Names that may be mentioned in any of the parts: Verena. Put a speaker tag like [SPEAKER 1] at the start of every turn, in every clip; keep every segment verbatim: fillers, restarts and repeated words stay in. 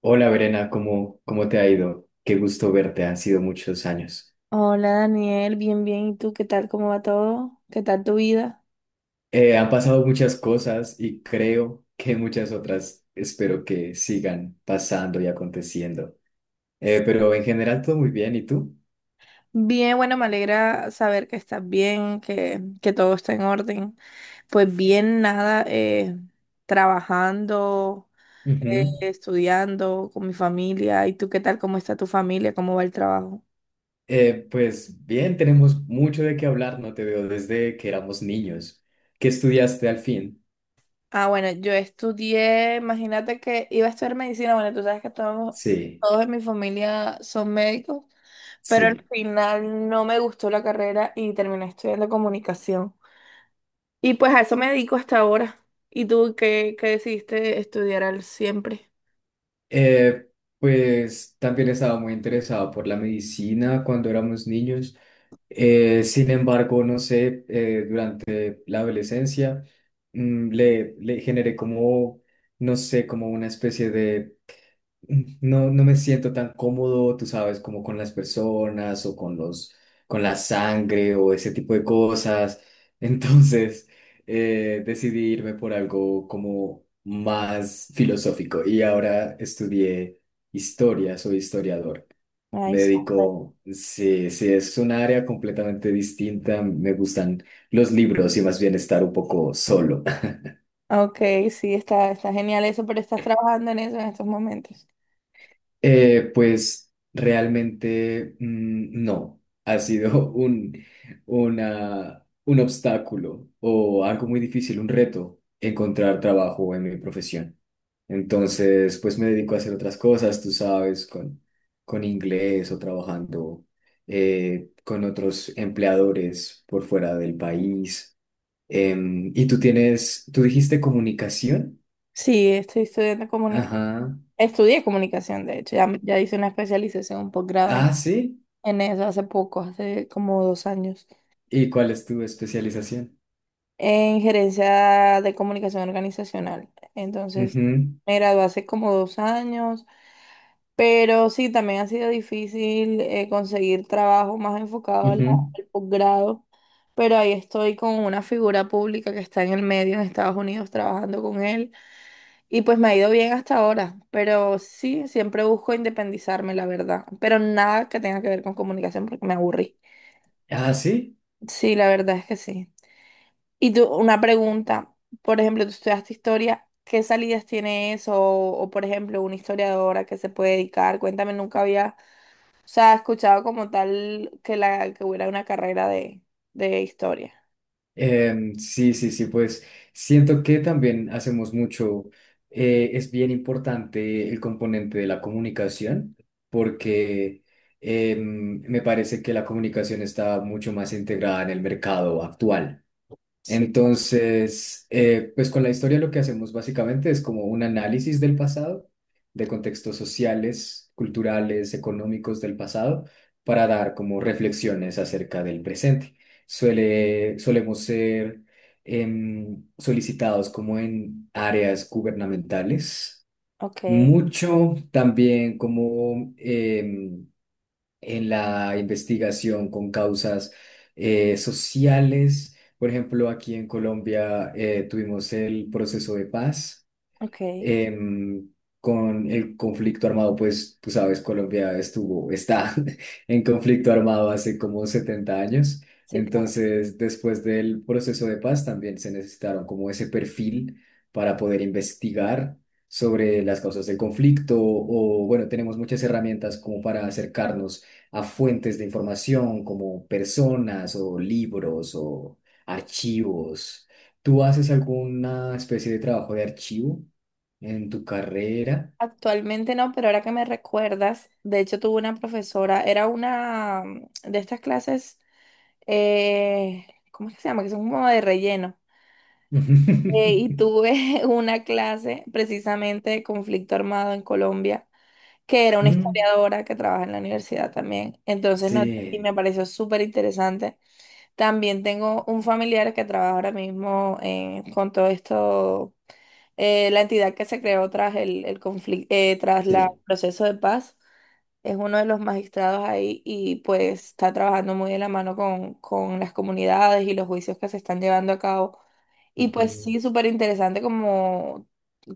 [SPEAKER 1] Hola, Verena, ¿cómo, cómo te ha ido? Qué gusto verte, han sido muchos años.
[SPEAKER 2] Hola Daniel, bien, bien. ¿Y tú qué tal? ¿Cómo va todo? ¿Qué tal tu vida?
[SPEAKER 1] Eh, han pasado muchas cosas y creo que muchas otras espero que sigan pasando y aconteciendo. Eh, pero en general todo muy bien, ¿y tú?
[SPEAKER 2] Bien, bueno, me alegra saber que estás bien, que, que todo está en orden. Pues bien, nada, eh, trabajando, eh,
[SPEAKER 1] Ujú.
[SPEAKER 2] estudiando con mi familia. ¿Y tú qué tal? ¿Cómo está tu familia? ¿Cómo va el trabajo?
[SPEAKER 1] Eh, pues bien, tenemos mucho de qué hablar, no te veo desde que éramos niños. ¿Qué estudiaste al fin?
[SPEAKER 2] Ah, bueno, yo estudié, imagínate que iba a estudiar medicina. Bueno, tú sabes que todos,
[SPEAKER 1] Sí,
[SPEAKER 2] todos en mi familia son médicos. Pero al
[SPEAKER 1] sí.
[SPEAKER 2] final no me gustó la carrera y terminé estudiando comunicación. Y pues a eso me dedico hasta ahora. ¿Y tú qué, qué decidiste estudiar al siempre?
[SPEAKER 1] Eh, pues también estaba muy interesado por la medicina cuando éramos niños. Eh, sin embargo, no sé, eh, durante la adolescencia mm, le, le generé como, no sé, como una especie de no, no me siento tan cómodo, tú sabes, como con las personas o con los, con la sangre o ese tipo de cosas. Entonces, eh, decidí irme por algo como más filosófico y ahora estudié historia, soy historiador. Me
[SPEAKER 2] Ay, súper.
[SPEAKER 1] dedico, sí, sí, es un área completamente distinta. Me gustan los libros y más bien estar un poco solo.
[SPEAKER 2] Ok, sí, está, está genial eso, pero estás trabajando en eso en estos momentos.
[SPEAKER 1] Eh, pues realmente mm, no, ha sido un, una, un obstáculo o algo muy difícil, un reto encontrar trabajo en mi profesión. Entonces, pues me dedico a hacer otras cosas, tú sabes, con, con inglés o trabajando eh, con otros empleadores por fuera del país. Em, y tú tienes, tú dijiste comunicación.
[SPEAKER 2] Sí, estoy estudiando comunicación.
[SPEAKER 1] Ajá.
[SPEAKER 2] Estudié comunicación, de hecho, ya, ya hice una especialización, un posgrado en,
[SPEAKER 1] Ah, sí.
[SPEAKER 2] en eso hace poco, hace como dos años,
[SPEAKER 1] ¿Y cuál es tu especialización?
[SPEAKER 2] en gerencia de comunicación organizacional. Entonces,
[SPEAKER 1] Ujú,
[SPEAKER 2] me gradué hace como dos años. Pero sí, también ha sido difícil eh, conseguir trabajo más enfocado al,
[SPEAKER 1] ujú.
[SPEAKER 2] al posgrado, pero ahí estoy con una figura pública que está en el medio en Estados Unidos trabajando con él y pues me ha ido bien hasta ahora, pero sí, siempre busco independizarme, la verdad, pero nada que tenga que ver con comunicación porque me aburrí.
[SPEAKER 1] Ah, sí.
[SPEAKER 2] Sí, la verdad es que sí. Y tú, una pregunta, por ejemplo, tú estudiaste historia, ¿qué salidas tiene eso? O, o, por ejemplo, una historiadora que se puede dedicar, cuéntame, nunca había... O sea, he escuchado como tal que la que hubiera una carrera de, de historia.
[SPEAKER 1] Em, sí, sí, sí, pues siento que también hacemos mucho, eh, es bien importante el componente de la comunicación, porque em, me parece que la comunicación está mucho más integrada en el mercado actual.
[SPEAKER 2] Sí,
[SPEAKER 1] Entonces, eh, pues con la historia lo que hacemos básicamente es como un análisis del pasado, de contextos sociales, culturales, económicos del pasado, para dar como reflexiones acerca del presente. Suele, solemos ser em, solicitados como en áreas gubernamentales,
[SPEAKER 2] ok,
[SPEAKER 1] mucho también como em, en la investigación con causas eh, sociales. Por ejemplo, aquí en Colombia eh, tuvimos el proceso de paz
[SPEAKER 2] ok.
[SPEAKER 1] em, con el conflicto armado, pues tú sabes, Colombia estuvo, está en conflicto armado hace como setenta años.
[SPEAKER 2] Sí, claro.
[SPEAKER 1] Entonces, después del proceso de paz, también se necesitaron como ese perfil para poder investigar sobre las causas del conflicto o, bueno, tenemos muchas herramientas como para acercarnos a fuentes de información como personas o libros o archivos. ¿Tú haces alguna especie de trabajo de archivo en tu carrera?
[SPEAKER 2] Actualmente no, pero ahora que me recuerdas, de hecho tuve una profesora, era una mm, de estas clases, eh, ¿cómo es que se llama? Que son como de relleno. Eh, y tuve una clase precisamente de conflicto armado en Colombia, que era una
[SPEAKER 1] Mm,
[SPEAKER 2] historiadora que trabaja en la universidad también. Entonces, no, y
[SPEAKER 1] sí,
[SPEAKER 2] me pareció súper interesante. También tengo un familiar que trabaja ahora mismo eh, con todo esto, eh, la entidad que se creó tras el, el conflicto, tras la- el
[SPEAKER 1] sí,
[SPEAKER 2] proceso de paz. Es uno de los magistrados ahí y pues está trabajando muy de la mano con, con las comunidades y los juicios que se están llevando a cabo. Y pues
[SPEAKER 1] ujú,
[SPEAKER 2] sí, súper interesante como,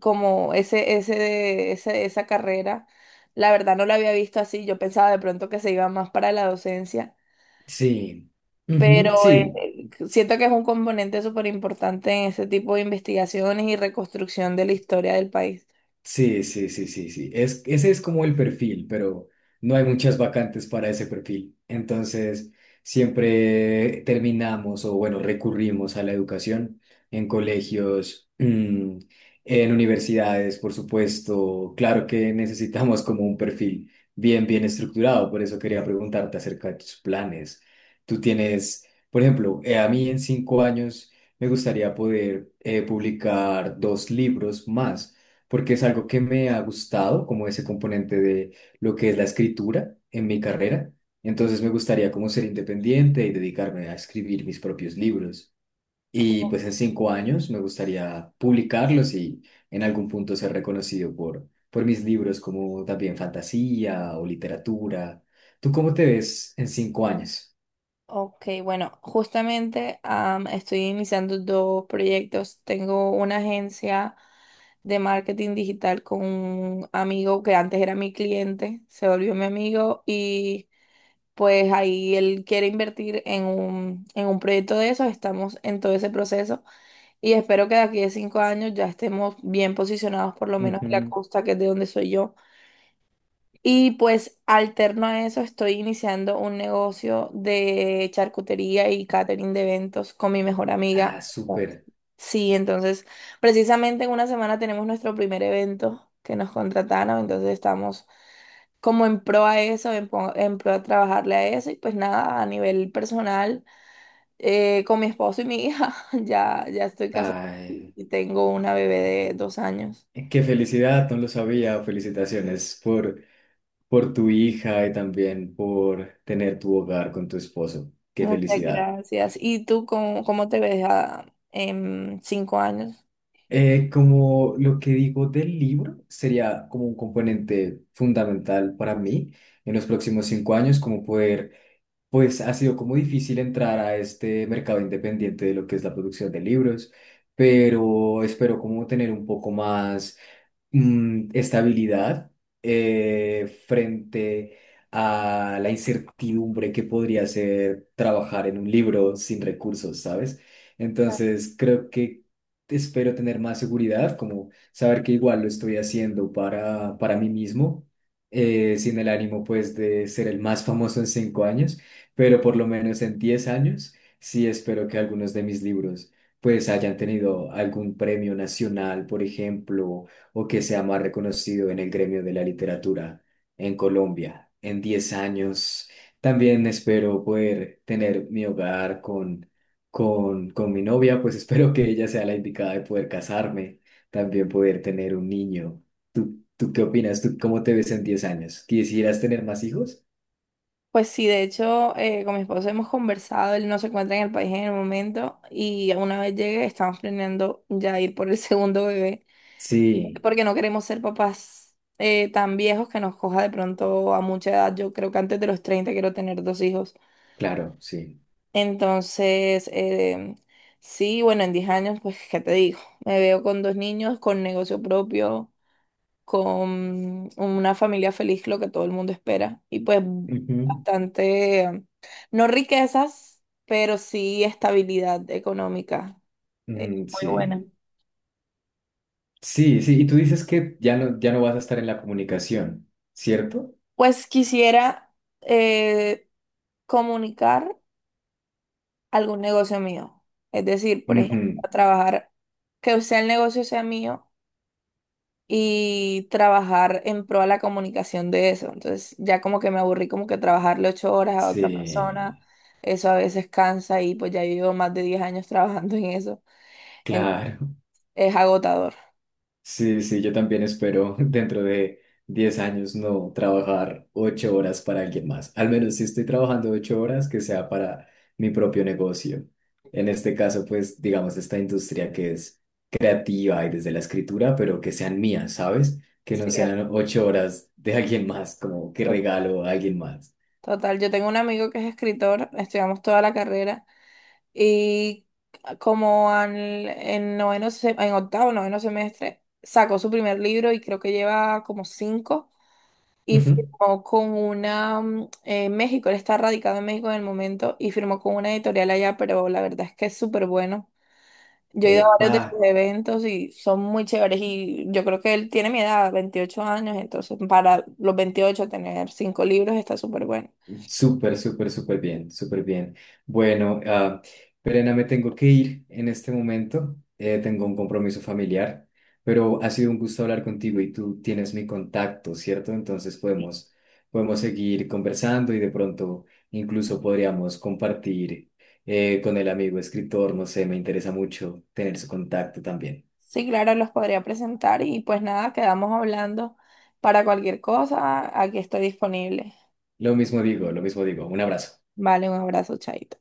[SPEAKER 2] como ese, ese, ese, esa carrera. La verdad no la había visto así. Yo pensaba de pronto que se iba más para la docencia,
[SPEAKER 1] sí, ujú,
[SPEAKER 2] pero eh,
[SPEAKER 1] sí.
[SPEAKER 2] siento que es un componente súper importante en ese tipo de investigaciones y reconstrucción de la historia del país.
[SPEAKER 1] Sí, sí, sí, sí, sí. Es, ese es como el perfil, pero no hay muchas vacantes para ese perfil. Entonces, siempre terminamos o, bueno, recurrimos a la educación en colegios, mm, en universidades, por supuesto. Claro que necesitamos como un perfil bien, bien estructurado. Por eso quería preguntarte acerca de tus planes. Tú tienes, por ejemplo, eh, a mí en cinco años me gustaría poder eh, publicar dos libros más porque es algo que me ha gustado, como ese componente de lo que es la escritura en mi carrera. Entonces me gustaría como ser independiente y dedicarme a escribir mis propios libros. Y
[SPEAKER 2] O-
[SPEAKER 1] pues en cinco años me gustaría publicarlos y en algún punto ser reconocido por, por mis libros como también fantasía o literatura. ¿Tú cómo te ves en cinco años?
[SPEAKER 2] Ok, bueno, justamente am, estoy iniciando dos proyectos. Tengo una agencia de marketing digital con un amigo que antes era mi cliente, se volvió mi amigo y pues ahí él quiere invertir en un, en un proyecto de esos, estamos en todo ese proceso. Y espero que de aquí a cinco años ya estemos bien posicionados, por lo menos en la
[SPEAKER 1] Ujú.
[SPEAKER 2] costa, que es de donde soy yo. Y pues alterno a eso, estoy iniciando un negocio de charcutería y catering de eventos con mi mejor amiga.
[SPEAKER 1] Ah, súper.
[SPEAKER 2] Sí, entonces, precisamente en una semana tenemos nuestro primer evento que nos contrataron, entonces estamos como en pro a eso, en, po- en pro a trabajarle a eso. Y pues nada, a nivel personal eh, con mi esposo y mi hija. Ya, ya estoy casada
[SPEAKER 1] Ay,
[SPEAKER 2] y tengo una bebé de dos años.
[SPEAKER 1] qué felicidad, no lo sabía. Felicitaciones por por tu hija y también por tener tu hogar con tu esposo. Qué
[SPEAKER 2] Muchas
[SPEAKER 1] felicidad.
[SPEAKER 2] gracias. ¿Y tú cómo, cómo te ves a en cinco años?
[SPEAKER 1] Eh, como lo que digo del libro sería como un componente fundamental para mí en los próximos cinco años, como poder, pues ha sido como difícil entrar a este mercado independiente de lo que es la producción de libros, pero espero como tener un poco más mm, estabilidad eh, frente a la incertidumbre que podría ser trabajar en un libro sin recursos, ¿sabes? Entonces, creo que espero tener más seguridad, como saber que igual lo estoy haciendo para, para mí mismo, eh, sin el ánimo pues de ser el más famoso en cinco años, pero por lo menos en diez años, sí espero que algunos de mis libros pues hayan tenido algún premio nacional, por ejemplo, o que sea más reconocido en el gremio de la literatura en Colombia en diez años. También espero poder tener mi hogar con, con, con mi novia, pues espero que ella sea la indicada de poder casarme, también poder tener un niño. ¿Tú, ¿tú qué opinas? ¿Tú cómo te ves en diez años? ¿Quisieras tener más hijos?
[SPEAKER 2] Pues sí, de hecho, eh, con mi esposo hemos conversado, él no se encuentra en el país en el momento y una vez llegue estamos planeando ya ir por el segundo bebé
[SPEAKER 1] Sí,
[SPEAKER 2] porque no queremos ser papás eh, tan viejos que nos coja de pronto a mucha edad. Yo creo que antes de los treinta quiero tener dos hijos.
[SPEAKER 1] claro, sí.
[SPEAKER 2] Entonces, em, sí, bueno, en diez años, pues, ¿qué te digo? Me veo con dos niños, con negocio propio, con una familia feliz, lo que todo el mundo espera. Y pues
[SPEAKER 1] Ujú.
[SPEAKER 2] bastante, em, no riquezas, pero sí estabilidad económica, eh,
[SPEAKER 1] Mm,
[SPEAKER 2] muy buena.
[SPEAKER 1] sí. Sí, sí, y tú dices que ya no, ya no vas a estar en la comunicación, ¿cierto?
[SPEAKER 2] Pues quisiera eh, comunicar algún negocio mío. Es decir, por ejemplo,
[SPEAKER 1] Ujú.
[SPEAKER 2] trabajar, que sea el negocio sea mío y trabajar en pro a la comunicación de eso. Entonces ya como que me aburrí como que trabajarle ocho horas a otra
[SPEAKER 1] Sí,
[SPEAKER 2] persona, eso a veces cansa y pues ya yo llevo más de diez años trabajando en eso. En-
[SPEAKER 1] claro.
[SPEAKER 2] es agotador.
[SPEAKER 1] Sí, sí, yo también espero dentro de diez años no trabajar ocho horas para alguien más. Al menos si estoy trabajando ocho horas, que sea para mi propio negocio. En este caso, pues, digamos, esta industria que es creativa y desde la escritura, pero que sean mías, ¿sabes? Que no
[SPEAKER 2] Sí, es
[SPEAKER 1] sean ocho horas de alguien más, como que
[SPEAKER 2] to-
[SPEAKER 1] regalo a alguien más.
[SPEAKER 2] total. Yo tengo un amigo que es escritor, estudiamos toda la carrera y como al- en noveno, se- en octavo, noveno semestre, sacó su primer libro y creo que lleva como cinco. Y
[SPEAKER 1] Ujú.
[SPEAKER 2] firmó con una, mm, en México, él está radicado en México en el momento y firmó con una editorial allá, pero la verdad es que es súper bueno. Yo he ido a varios
[SPEAKER 1] Epa.
[SPEAKER 2] de sus eventos y son muy chéveres y yo creo que él tiene mi edad, veintiocho años, entonces para los veintiocho tener cinco libros está súper bueno.
[SPEAKER 1] Súper, súper, súper bien, súper bien. Bueno, ah, Perena, me tengo que ir en este momento. Eh, tengo un compromiso familiar, pero ha sido un gusto hablar contigo y tú tienes mi contacto, ¿cierto? Entonces podemos, podemos seguir conversando y de pronto incluso podríamos compartir eh, con el amigo escritor, no sé, me interesa mucho tener su contacto también.
[SPEAKER 2] Sí, claro, los podría presentar y pues nada, quedamos hablando. Para cualquier cosa, aquí estoy disponible.
[SPEAKER 1] Lo mismo digo, lo mismo digo. Un abrazo.
[SPEAKER 2] Vale, un abrazo, chaito.